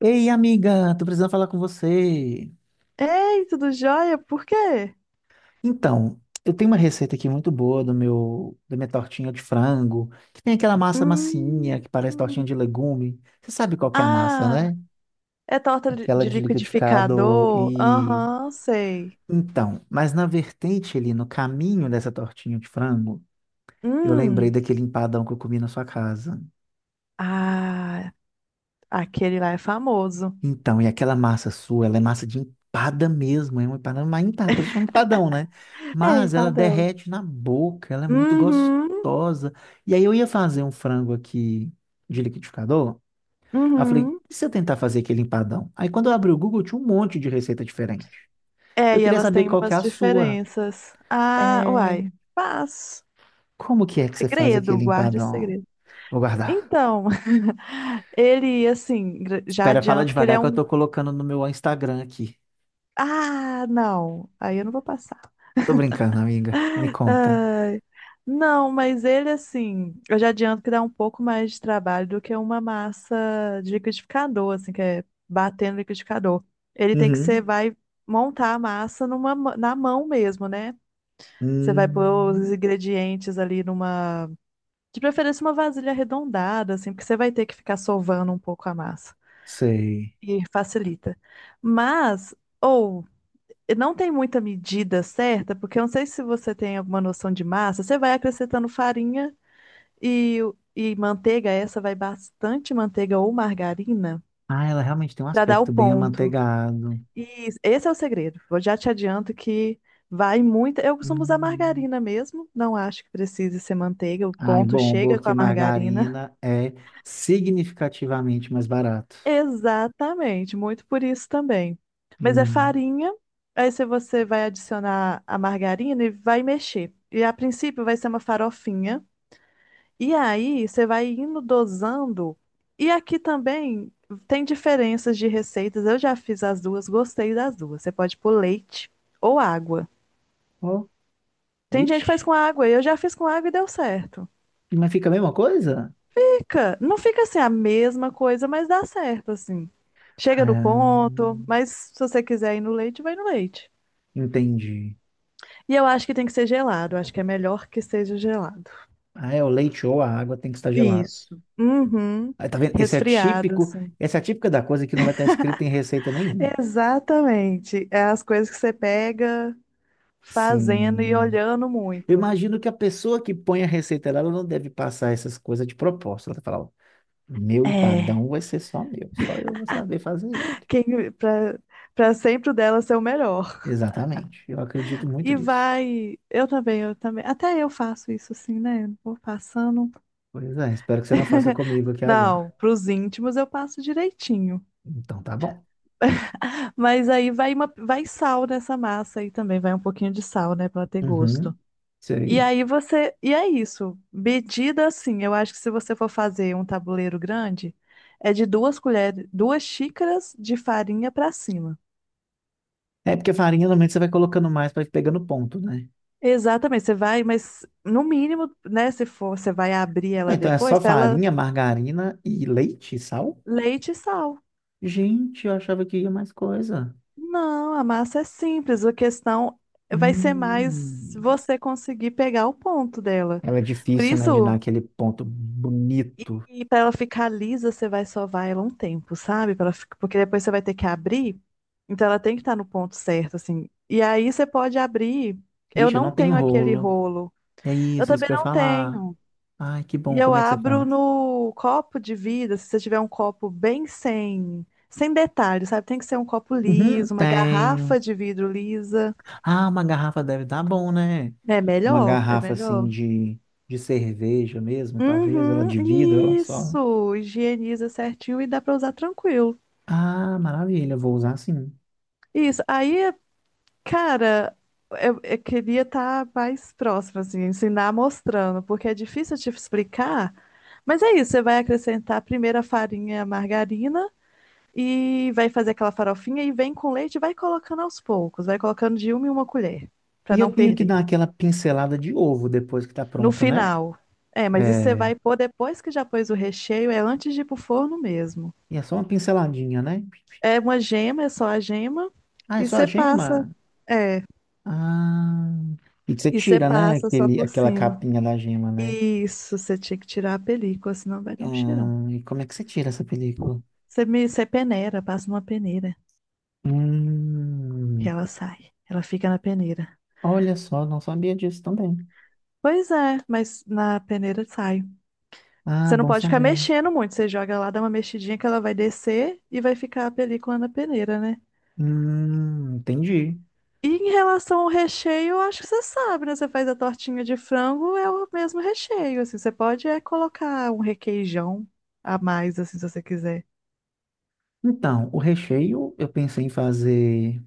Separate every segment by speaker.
Speaker 1: Ei, amiga, tô precisando falar com você.
Speaker 2: Ei, tudo jóia? Por quê?
Speaker 1: Então, eu tenho uma receita aqui muito boa da minha tortinha de frango, que tem aquela massa massinha
Speaker 2: Hum.
Speaker 1: que parece tortinha de legume. Você sabe qual que é a massa,
Speaker 2: Ah,
Speaker 1: né?
Speaker 2: é torta
Speaker 1: Aquela
Speaker 2: de
Speaker 1: de liquidificado
Speaker 2: liquidificador?
Speaker 1: e
Speaker 2: Aham, sei.
Speaker 1: então, mas na vertente ali, no caminho dessa tortinha de frango, eu lembrei
Speaker 2: Hum.
Speaker 1: daquele empadão que eu comi na sua casa.
Speaker 2: Ah, aquele lá é famoso.
Speaker 1: Então, e aquela massa sua, ela é massa de empada mesmo, é uma empada, por isso é um empadão, né?
Speaker 2: É,
Speaker 1: Mas ela
Speaker 2: empadão.
Speaker 1: derrete na boca, ela é muito
Speaker 2: Uhum,
Speaker 1: gostosa. E aí eu ia fazer um frango aqui de liquidificador, aí eu falei,
Speaker 2: uhum.
Speaker 1: e se eu tentar fazer aquele empadão? Aí quando eu abri o Google, tinha um monte de receita diferente.
Speaker 2: É,
Speaker 1: Eu
Speaker 2: e
Speaker 1: queria
Speaker 2: elas
Speaker 1: saber
Speaker 2: têm
Speaker 1: qual que é
Speaker 2: umas
Speaker 1: a sua.
Speaker 2: diferenças.
Speaker 1: É,
Speaker 2: Ah, uai. Mas,
Speaker 1: como que é que você faz
Speaker 2: segredo,
Speaker 1: aquele
Speaker 2: guarde
Speaker 1: empadão?
Speaker 2: segredo.
Speaker 1: Vou guardar.
Speaker 2: Então, ele, assim, já
Speaker 1: Espera, fala
Speaker 2: adianto que ele
Speaker 1: devagar
Speaker 2: é
Speaker 1: que eu
Speaker 2: um.
Speaker 1: tô colocando no meu Instagram aqui.
Speaker 2: Ah, não. Aí eu não vou passar.
Speaker 1: Tô brincando, amiga. Me conta.
Speaker 2: Ai, não, mas ele assim, eu já adianto que dá um pouco mais de trabalho do que uma massa de liquidificador, assim, que é bater no liquidificador. Ele tem que ser,
Speaker 1: Uhum.
Speaker 2: vai montar a massa numa, na mão mesmo, né? Você vai pôr os
Speaker 1: Hum,
Speaker 2: ingredientes ali numa, de preferência uma vasilha arredondada, assim, porque você vai ter que ficar sovando um pouco a massa
Speaker 1: sei.
Speaker 2: e facilita. Mas, ou não tem muita medida certa, porque eu não sei se você tem alguma noção de massa. Você vai acrescentando farinha e, e manteiga, essa vai bastante manteiga ou margarina
Speaker 1: Ah, ela realmente tem um
Speaker 2: para dar o
Speaker 1: aspecto bem
Speaker 2: ponto.
Speaker 1: amanteigado.
Speaker 2: E esse é o segredo. Eu já te adianto que vai muita. Eu costumo usar
Speaker 1: Hum.
Speaker 2: margarina mesmo, não acho que precise ser manteiga, o
Speaker 1: Ai,
Speaker 2: ponto
Speaker 1: bom,
Speaker 2: chega com
Speaker 1: porque
Speaker 2: a margarina.
Speaker 1: margarina é significativamente mais barato.
Speaker 2: Exatamente, muito por isso também. Mas é
Speaker 1: Hum.
Speaker 2: farinha, aí se você vai adicionar a margarina e vai mexer. E a princípio vai ser uma farofinha. E aí você vai indo dosando. E aqui também tem diferenças de receitas. Eu já fiz as duas, gostei das duas. Você pode pôr leite ou água.
Speaker 1: Oh,
Speaker 2: Tem gente que
Speaker 1: vixe.
Speaker 2: faz com água, eu já fiz com água e deu certo.
Speaker 1: Mas fica a mesma coisa?
Speaker 2: Fica, não fica assim a mesma coisa, mas dá certo, assim. Chega no
Speaker 1: Ah,
Speaker 2: ponto, mas se você quiser ir no leite, vai no leite.
Speaker 1: entendi.
Speaker 2: E eu acho que tem que ser gelado, acho que é melhor que seja gelado.
Speaker 1: Ah, é, o leite ou a água tem que estar gelados.
Speaker 2: Isso. Uhum.
Speaker 1: Aí, tá vendo? Esse é
Speaker 2: Resfriado,
Speaker 1: típico,
Speaker 2: assim.
Speaker 1: essa é a típica da coisa que não vai estar escrita em receita nenhuma.
Speaker 2: Exatamente. É as coisas que você pega fazendo e
Speaker 1: Sim.
Speaker 2: olhando
Speaker 1: Eu
Speaker 2: muito.
Speaker 1: imagino que a pessoa que põe a receita lá, ela não deve passar essas coisas de propósito. Ela fala, ó, meu
Speaker 2: É.
Speaker 1: empadão vai ser só meu, só eu vou saber fazer ele.
Speaker 2: Quem, pra sempre o dela ser o melhor.
Speaker 1: Exatamente, eu acredito muito
Speaker 2: E
Speaker 1: nisso.
Speaker 2: vai. Eu também, eu também. Até eu faço isso assim, né? Eu vou passando.
Speaker 1: Pois é, espero que você não faça comigo aqui agora.
Speaker 2: Não, pros íntimos eu passo direitinho.
Speaker 1: Então tá bom.
Speaker 2: Mas aí vai sal nessa massa aí também, vai um pouquinho de sal, né, pra ter gosto.
Speaker 1: Uhum, isso
Speaker 2: E
Speaker 1: aí.
Speaker 2: aí e é isso. Medida assim, eu acho que se você for fazer um tabuleiro grande, é de duas colheres, duas xícaras de farinha pra cima.
Speaker 1: É porque farinha normalmente você vai colocando mais para ir pegando ponto, né?
Speaker 2: Exatamente, você vai, mas no mínimo, né, se for, você vai abrir
Speaker 1: Ué,
Speaker 2: ela
Speaker 1: então é
Speaker 2: depois,
Speaker 1: só
Speaker 2: pra ela
Speaker 1: farinha, margarina e leite e sal?
Speaker 2: leite e sal.
Speaker 1: Gente, eu achava que ia mais coisa.
Speaker 2: Não, a massa é simples. A questão vai ser mais
Speaker 1: Hum.
Speaker 2: você conseguir pegar o ponto dela.
Speaker 1: Ela é
Speaker 2: Por
Speaker 1: difícil, né, de dar
Speaker 2: isso,
Speaker 1: aquele ponto bonito.
Speaker 2: e para ela ficar lisa, você vai sovar ela um tempo, sabe? Pra ela porque depois você vai ter que abrir. Então ela tem que estar no ponto certo, assim. E aí você pode abrir. Eu
Speaker 1: Vixe, eu
Speaker 2: não
Speaker 1: não tenho
Speaker 2: tenho aquele
Speaker 1: rolo.
Speaker 2: rolo.
Speaker 1: É
Speaker 2: Eu
Speaker 1: isso, isso
Speaker 2: também
Speaker 1: que eu ia
Speaker 2: não
Speaker 1: falar.
Speaker 2: tenho.
Speaker 1: Ai, que
Speaker 2: E
Speaker 1: bom,
Speaker 2: eu
Speaker 1: como é que você
Speaker 2: abro
Speaker 1: faz?
Speaker 2: no copo de vidro. Se você tiver um copo bem sem detalhes, sabe? Tem que ser um copo
Speaker 1: Uhum,
Speaker 2: liso, uma
Speaker 1: tenho.
Speaker 2: garrafa de vidro lisa.
Speaker 1: Ah, uma garrafa deve dar bom, né?
Speaker 2: É
Speaker 1: Uma
Speaker 2: melhor, é
Speaker 1: garrafa assim
Speaker 2: melhor.
Speaker 1: de cerveja mesmo, talvez ela
Speaker 2: Uhum,
Speaker 1: de vidro, ela só.
Speaker 2: isso. Higieniza certinho e dá pra usar tranquilo.
Speaker 1: Ah, maravilha, eu vou usar sim.
Speaker 2: Isso. Aí, cara, eu queria estar mais próximo, assim, ensinar mostrando, porque é difícil te explicar. Mas é isso, você vai acrescentar primeiro a farinha, a margarina e vai fazer aquela farofinha e vem com leite e vai colocando aos poucos, vai colocando de uma em uma colher, pra
Speaker 1: E eu
Speaker 2: não
Speaker 1: tenho que
Speaker 2: perder.
Speaker 1: dar aquela pincelada de ovo depois que tá
Speaker 2: No
Speaker 1: pronto, né?
Speaker 2: final. É, mas isso você
Speaker 1: É,
Speaker 2: vai pôr depois que já pôs o recheio, é antes de ir pro forno mesmo.
Speaker 1: e é só uma pinceladinha, né?
Speaker 2: É uma gema, é só a gema.
Speaker 1: Ah, é
Speaker 2: E
Speaker 1: só a
Speaker 2: você passa.
Speaker 1: gema?
Speaker 2: É,
Speaker 1: Ah, e que você
Speaker 2: e você
Speaker 1: tira, né?
Speaker 2: passa só por
Speaker 1: Aquela
Speaker 2: cima.
Speaker 1: capinha da gema, né?
Speaker 2: Isso, você tinha que tirar a película, senão vai dar um cheirão.
Speaker 1: Ah, e como é que você tira essa película?
Speaker 2: Você peneira, passa numa peneira, que
Speaker 1: Hum,
Speaker 2: ela sai. Ela fica na peneira.
Speaker 1: olha só, não sabia disso também.
Speaker 2: Pois é, mas na peneira sai.
Speaker 1: Ah,
Speaker 2: Você não
Speaker 1: bom
Speaker 2: pode ficar
Speaker 1: saber.
Speaker 2: mexendo muito. Você joga lá, dá uma mexidinha que ela vai descer e vai ficar a película na peneira, né?
Speaker 1: Entendi.
Speaker 2: E em relação ao recheio, eu acho que você sabe, né? Você faz a tortinha de frango, é o mesmo recheio, assim. Você pode é colocar um requeijão a mais, assim, se você quiser.
Speaker 1: Então, o recheio eu pensei em fazer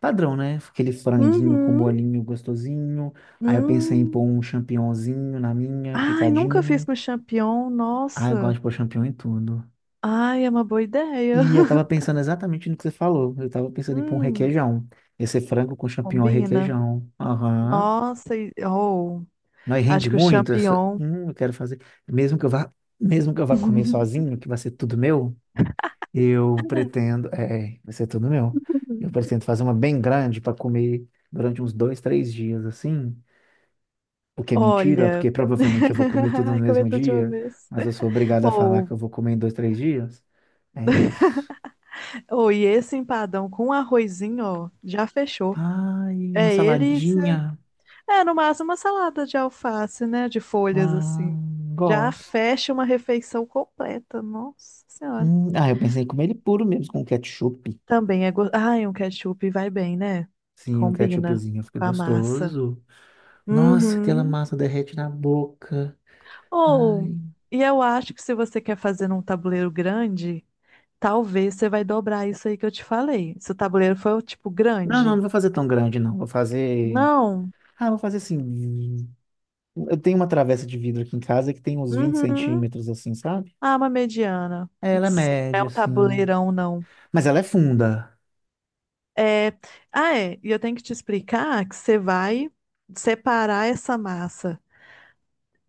Speaker 1: padrão, né? Aquele franguinho com
Speaker 2: Uhum.
Speaker 1: bolinho gostosinho. Aí eu pensei em
Speaker 2: Hum.
Speaker 1: pôr um champignonzinho na minha,
Speaker 2: Ai, nunca fiz
Speaker 1: picadinho.
Speaker 2: com champignon,
Speaker 1: Ah, eu gosto
Speaker 2: nossa.
Speaker 1: de pôr champignon em tudo.
Speaker 2: Ai, é uma boa ideia.
Speaker 1: E eu tava pensando exatamente no que você falou. Eu tava pensando em pôr um
Speaker 2: Hum,
Speaker 1: requeijão. Esse frango com champignon e
Speaker 2: combina.
Speaker 1: requeijão. Aham.
Speaker 2: Nossa, oh,
Speaker 1: Nós
Speaker 2: acho
Speaker 1: rende
Speaker 2: que o
Speaker 1: muito essa,
Speaker 2: champignon.
Speaker 1: eu quero fazer, mesmo que eu vá, mesmo que eu vá comer sozinho, que vai ser tudo meu, eu pretendo, é, vai ser tudo meu. Eu pretendo fazer uma bem grande para comer durante uns 2, 3 dias assim, o que é mentira,
Speaker 2: Olha.
Speaker 1: porque provavelmente eu vou comer tudo no
Speaker 2: Ai, comer
Speaker 1: mesmo
Speaker 2: tudo de uma
Speaker 1: dia,
Speaker 2: vez.
Speaker 1: mas eu sou obrigado a falar
Speaker 2: Ou
Speaker 1: que eu vou comer em 2, 3 dias. É isso.
Speaker 2: Oh, e esse empadão com arrozinho, ó, já fechou.
Speaker 1: Ai, uma
Speaker 2: É ele, e
Speaker 1: saladinha.
Speaker 2: é no máximo uma salada de alface, né? De folhas
Speaker 1: Ah,
Speaker 2: assim. Já
Speaker 1: gosto.
Speaker 2: fecha uma refeição completa. Nossa Senhora.
Speaker 1: Ah, eu pensei em comer ele puro mesmo, com ketchup.
Speaker 2: Também é gostoso. Ai, um ketchup vai bem, né?
Speaker 1: Sim, o
Speaker 2: Combina
Speaker 1: ketchupzinho fica
Speaker 2: com a massa.
Speaker 1: gostoso. Nossa, aquela
Speaker 2: Uhum.
Speaker 1: massa derrete na boca.
Speaker 2: Ou,
Speaker 1: Ai.
Speaker 2: e eu acho que se você quer fazer num tabuleiro grande, talvez você vai dobrar isso aí que eu te falei. Se o tabuleiro for, tipo,
Speaker 1: Não, não, não
Speaker 2: grande.
Speaker 1: vou fazer tão grande, não. Vou fazer.
Speaker 2: Não.
Speaker 1: Ah, vou fazer assim. Eu tenho uma travessa de vidro aqui em casa que tem uns 20
Speaker 2: Uhum.
Speaker 1: centímetros, assim, sabe?
Speaker 2: Ah, uma mediana.
Speaker 1: Ela é
Speaker 2: Sim, não é
Speaker 1: média,
Speaker 2: um
Speaker 1: assim.
Speaker 2: tabuleirão, não.
Speaker 1: Mas ela é funda.
Speaker 2: É... Ah, é. E eu tenho que te explicar que você vai separar essa massa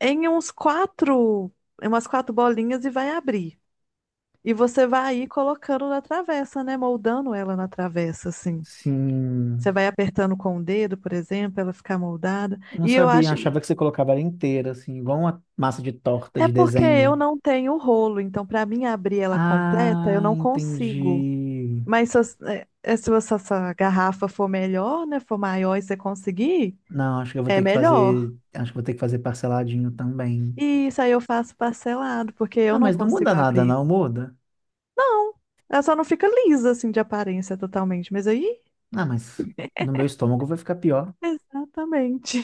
Speaker 2: em uns quatro, em umas quatro bolinhas e vai abrir. E você vai ir colocando na travessa, né? Moldando ela na travessa, assim. Você
Speaker 1: Sim.
Speaker 2: vai apertando com o dedo, por exemplo, ela ficar moldada.
Speaker 1: Eu não
Speaker 2: E eu
Speaker 1: sabia,
Speaker 2: acho.
Speaker 1: achava que você colocava ela inteira, assim, igual uma massa de torta
Speaker 2: É
Speaker 1: de
Speaker 2: porque eu
Speaker 1: desenho.
Speaker 2: não tenho rolo, então para mim abrir ela completa, eu
Speaker 1: Ah,
Speaker 2: não consigo.
Speaker 1: entendi.
Speaker 2: Mas se, se essa garrafa for melhor, né? For maior e você conseguir,
Speaker 1: Não, acho que eu vou
Speaker 2: é
Speaker 1: ter que
Speaker 2: melhor.
Speaker 1: fazer. Acho que eu vou ter que fazer parceladinho também.
Speaker 2: E isso aí eu faço parcelado, porque eu
Speaker 1: Ah,
Speaker 2: não
Speaker 1: mas não muda
Speaker 2: consigo
Speaker 1: nada,
Speaker 2: abrir.
Speaker 1: não muda.
Speaker 2: Não, ela só não fica lisa assim de aparência totalmente. Mas aí,
Speaker 1: Ah, mas no meu estômago vai ficar pior.
Speaker 2: exatamente.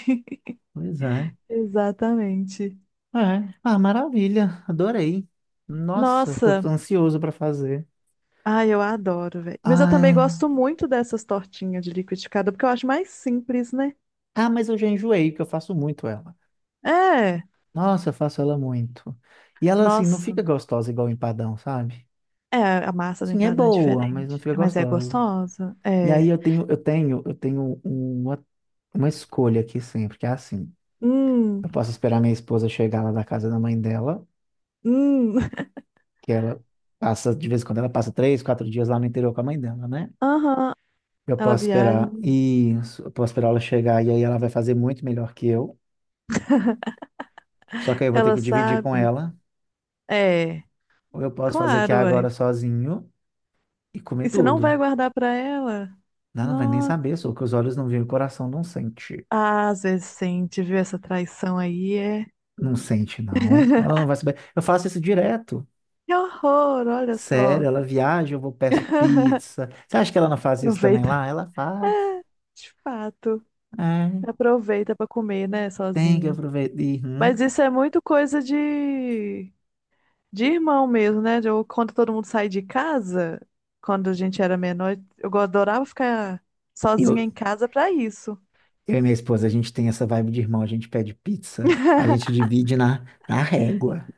Speaker 1: Pois é.
Speaker 2: Exatamente.
Speaker 1: É. Ah, maravilha. Adorei. Nossa, tô
Speaker 2: Nossa,
Speaker 1: ansioso pra fazer.
Speaker 2: ai, eu adoro, velho. Mas eu também
Speaker 1: Ah,
Speaker 2: gosto muito dessas tortinhas de liquidificador, porque eu acho mais simples, né?
Speaker 1: ah, mas eu já enjoei, que eu faço muito ela.
Speaker 2: É,
Speaker 1: Nossa, eu faço ela muito. E ela, assim, não
Speaker 2: nossa.
Speaker 1: fica gostosa igual empadão, sabe?
Speaker 2: É, a massa do
Speaker 1: Assim, é
Speaker 2: empadão é
Speaker 1: boa, mas não
Speaker 2: diferente,
Speaker 1: fica
Speaker 2: mas é
Speaker 1: gostosa.
Speaker 2: gostosa.
Speaker 1: E
Speaker 2: É.
Speaker 1: aí eu tenho uma escolha aqui sempre, que é assim. Eu
Speaker 2: Hum.
Speaker 1: posso esperar minha esposa chegar lá da casa da mãe dela,
Speaker 2: Hum,
Speaker 1: que ela passa, de vez em quando ela passa 3, 4 dias lá no interior com a mãe dela, né?
Speaker 2: aham.
Speaker 1: Eu
Speaker 2: Ela
Speaker 1: posso
Speaker 2: viaja,
Speaker 1: esperar isso, eu posso esperar ela chegar e aí ela vai fazer muito melhor que eu. Só que aí eu vou ter
Speaker 2: ela
Speaker 1: que dividir com
Speaker 2: sabe.
Speaker 1: ela,
Speaker 2: É,
Speaker 1: ou eu posso fazer aqui
Speaker 2: claro, ué.
Speaker 1: agora sozinho e
Speaker 2: E
Speaker 1: comer
Speaker 2: você não vai
Speaker 1: tudo.
Speaker 2: guardar pra ela?
Speaker 1: Ela não vai nem
Speaker 2: Nossa.
Speaker 1: saber, só que os olhos não veem, o coração não sente.
Speaker 2: Ah, às vezes sente, viu essa traição aí, é.
Speaker 1: Não sente, não. Ela não vai saber. Eu faço isso direto.
Speaker 2: Que horror, olha
Speaker 1: Sério,
Speaker 2: só.
Speaker 1: ela viaja, eu vou peço pizza. Você acha que ela não faz isso também
Speaker 2: Aproveita.
Speaker 1: lá? Ela faz.
Speaker 2: É, de fato.
Speaker 1: É,
Speaker 2: Aproveita pra comer, né,
Speaker 1: tem que
Speaker 2: sozinho.
Speaker 1: aproveitar. Uhum.
Speaker 2: Mas isso é muito coisa de irmão mesmo, né? Quando todo mundo sai de casa, quando a gente era menor, eu adorava ficar sozinha
Speaker 1: Eu,
Speaker 2: em casa pra isso.
Speaker 1: Eu e minha esposa, a gente tem essa vibe de irmão, a gente pede pizza, a gente divide na régua,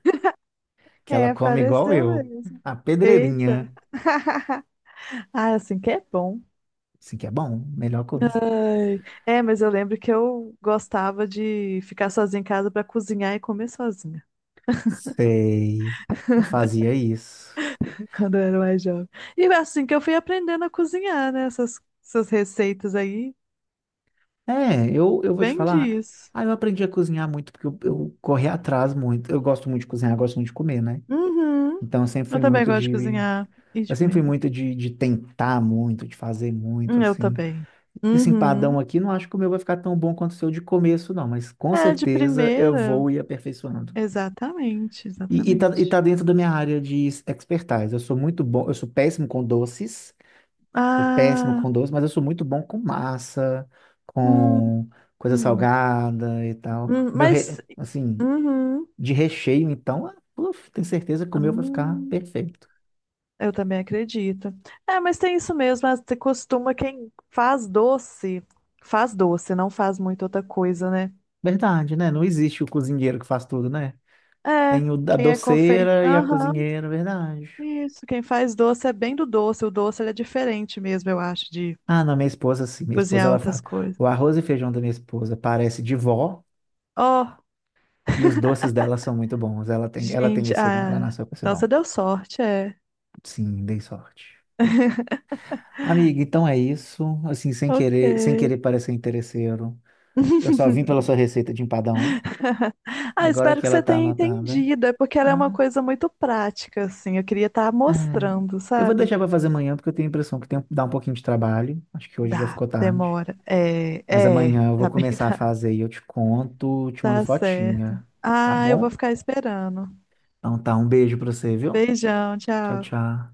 Speaker 1: que ela
Speaker 2: É,
Speaker 1: come igual
Speaker 2: apareceu
Speaker 1: eu,
Speaker 2: mesmo.
Speaker 1: a
Speaker 2: Eita.
Speaker 1: pedreirinha,
Speaker 2: Ah, assim que é bom.
Speaker 1: assim que é bom, melhor coisa.
Speaker 2: Ai. É, mas eu lembro que eu gostava de ficar sozinha em casa pra cozinhar e comer sozinha,
Speaker 1: Sei, eu fazia isso.
Speaker 2: quando eu era mais jovem. E é assim que eu fui aprendendo a cozinhar, né? Essas receitas aí,
Speaker 1: É, eu vou te
Speaker 2: vem
Speaker 1: falar,
Speaker 2: disso.
Speaker 1: ah, eu aprendi a cozinhar muito, porque eu corri atrás muito, eu gosto muito de cozinhar, gosto muito de comer, né?
Speaker 2: Uhum.
Speaker 1: Então
Speaker 2: Eu também gosto de cozinhar e
Speaker 1: eu
Speaker 2: de
Speaker 1: sempre fui
Speaker 2: comer.
Speaker 1: muito de tentar muito, de fazer muito,
Speaker 2: Eu
Speaker 1: assim,
Speaker 2: também.
Speaker 1: esse
Speaker 2: Uhum.
Speaker 1: empadão aqui, não acho que o meu vai ficar tão bom quanto o seu de começo, não, mas com
Speaker 2: É, de
Speaker 1: certeza eu
Speaker 2: primeira.
Speaker 1: vou ir aperfeiçoando.
Speaker 2: Exatamente,
Speaker 1: E
Speaker 2: exatamente.
Speaker 1: tá dentro da minha área de expertise. Eu sou muito bom, eu sou péssimo com doces, sou péssimo
Speaker 2: Ah,
Speaker 1: com doces, mas eu sou muito bom com massa,
Speaker 2: hum,
Speaker 1: com coisa
Speaker 2: hum.
Speaker 1: salgada e tal.
Speaker 2: Hum,
Speaker 1: Meu,
Speaker 2: Mas
Speaker 1: re- assim,
Speaker 2: Uhum.
Speaker 1: de recheio, então, ah, uf, tenho certeza que o meu vai ficar
Speaker 2: Hum,
Speaker 1: perfeito.
Speaker 2: eu também acredito. É, mas tem isso mesmo. Você costuma quem faz doce, não faz muito outra coisa, né?
Speaker 1: Verdade, né? Não existe o cozinheiro que faz tudo, né?
Speaker 2: É,
Speaker 1: Tem o, a
Speaker 2: quem é confeito.
Speaker 1: doceira e a
Speaker 2: Aham,
Speaker 1: cozinheira, verdade.
Speaker 2: isso. Quem faz doce é bem do doce. O doce ele é diferente mesmo, eu acho, de
Speaker 1: Ah, não, minha esposa, sim, minha esposa
Speaker 2: cozinhar
Speaker 1: ela faz.
Speaker 2: outras coisas.
Speaker 1: O arroz e feijão da minha esposa parece de vó
Speaker 2: Oh,
Speaker 1: e os doces dela são muito bons. Ela tem
Speaker 2: gente,
Speaker 1: esse dom, ela
Speaker 2: ah,
Speaker 1: nasceu com esse
Speaker 2: então
Speaker 1: dom.
Speaker 2: você deu sorte, é.
Speaker 1: Sim, dei sorte. Amiga, então é isso. Assim,
Speaker 2: Ok.
Speaker 1: sem querer parecer interesseiro. Eu só vim pela sua receita de empadão.
Speaker 2: Ah,
Speaker 1: Agora
Speaker 2: espero
Speaker 1: que
Speaker 2: que
Speaker 1: ela
Speaker 2: você
Speaker 1: tá
Speaker 2: tenha
Speaker 1: anotada.
Speaker 2: entendido. É porque ela é uma
Speaker 1: Ah,
Speaker 2: coisa muito prática, assim. Eu queria estar
Speaker 1: é.
Speaker 2: mostrando,
Speaker 1: Eu vou
Speaker 2: sabe?
Speaker 1: deixar para fazer amanhã porque eu tenho a impressão que tem dá um pouquinho de trabalho. Acho que hoje já
Speaker 2: Dá,
Speaker 1: ficou tarde.
Speaker 2: demora.
Speaker 1: Mas amanhã eu
Speaker 2: Tá
Speaker 1: vou
Speaker 2: bem,
Speaker 1: começar a
Speaker 2: tá,
Speaker 1: fazer e eu te conto, te mando
Speaker 2: tá certo.
Speaker 1: fotinha, tá
Speaker 2: Ah, eu vou
Speaker 1: bom?
Speaker 2: ficar esperando.
Speaker 1: Então tá, um beijo pra você, viu?
Speaker 2: Beijão,
Speaker 1: Tchau,
Speaker 2: tchau.
Speaker 1: tchau.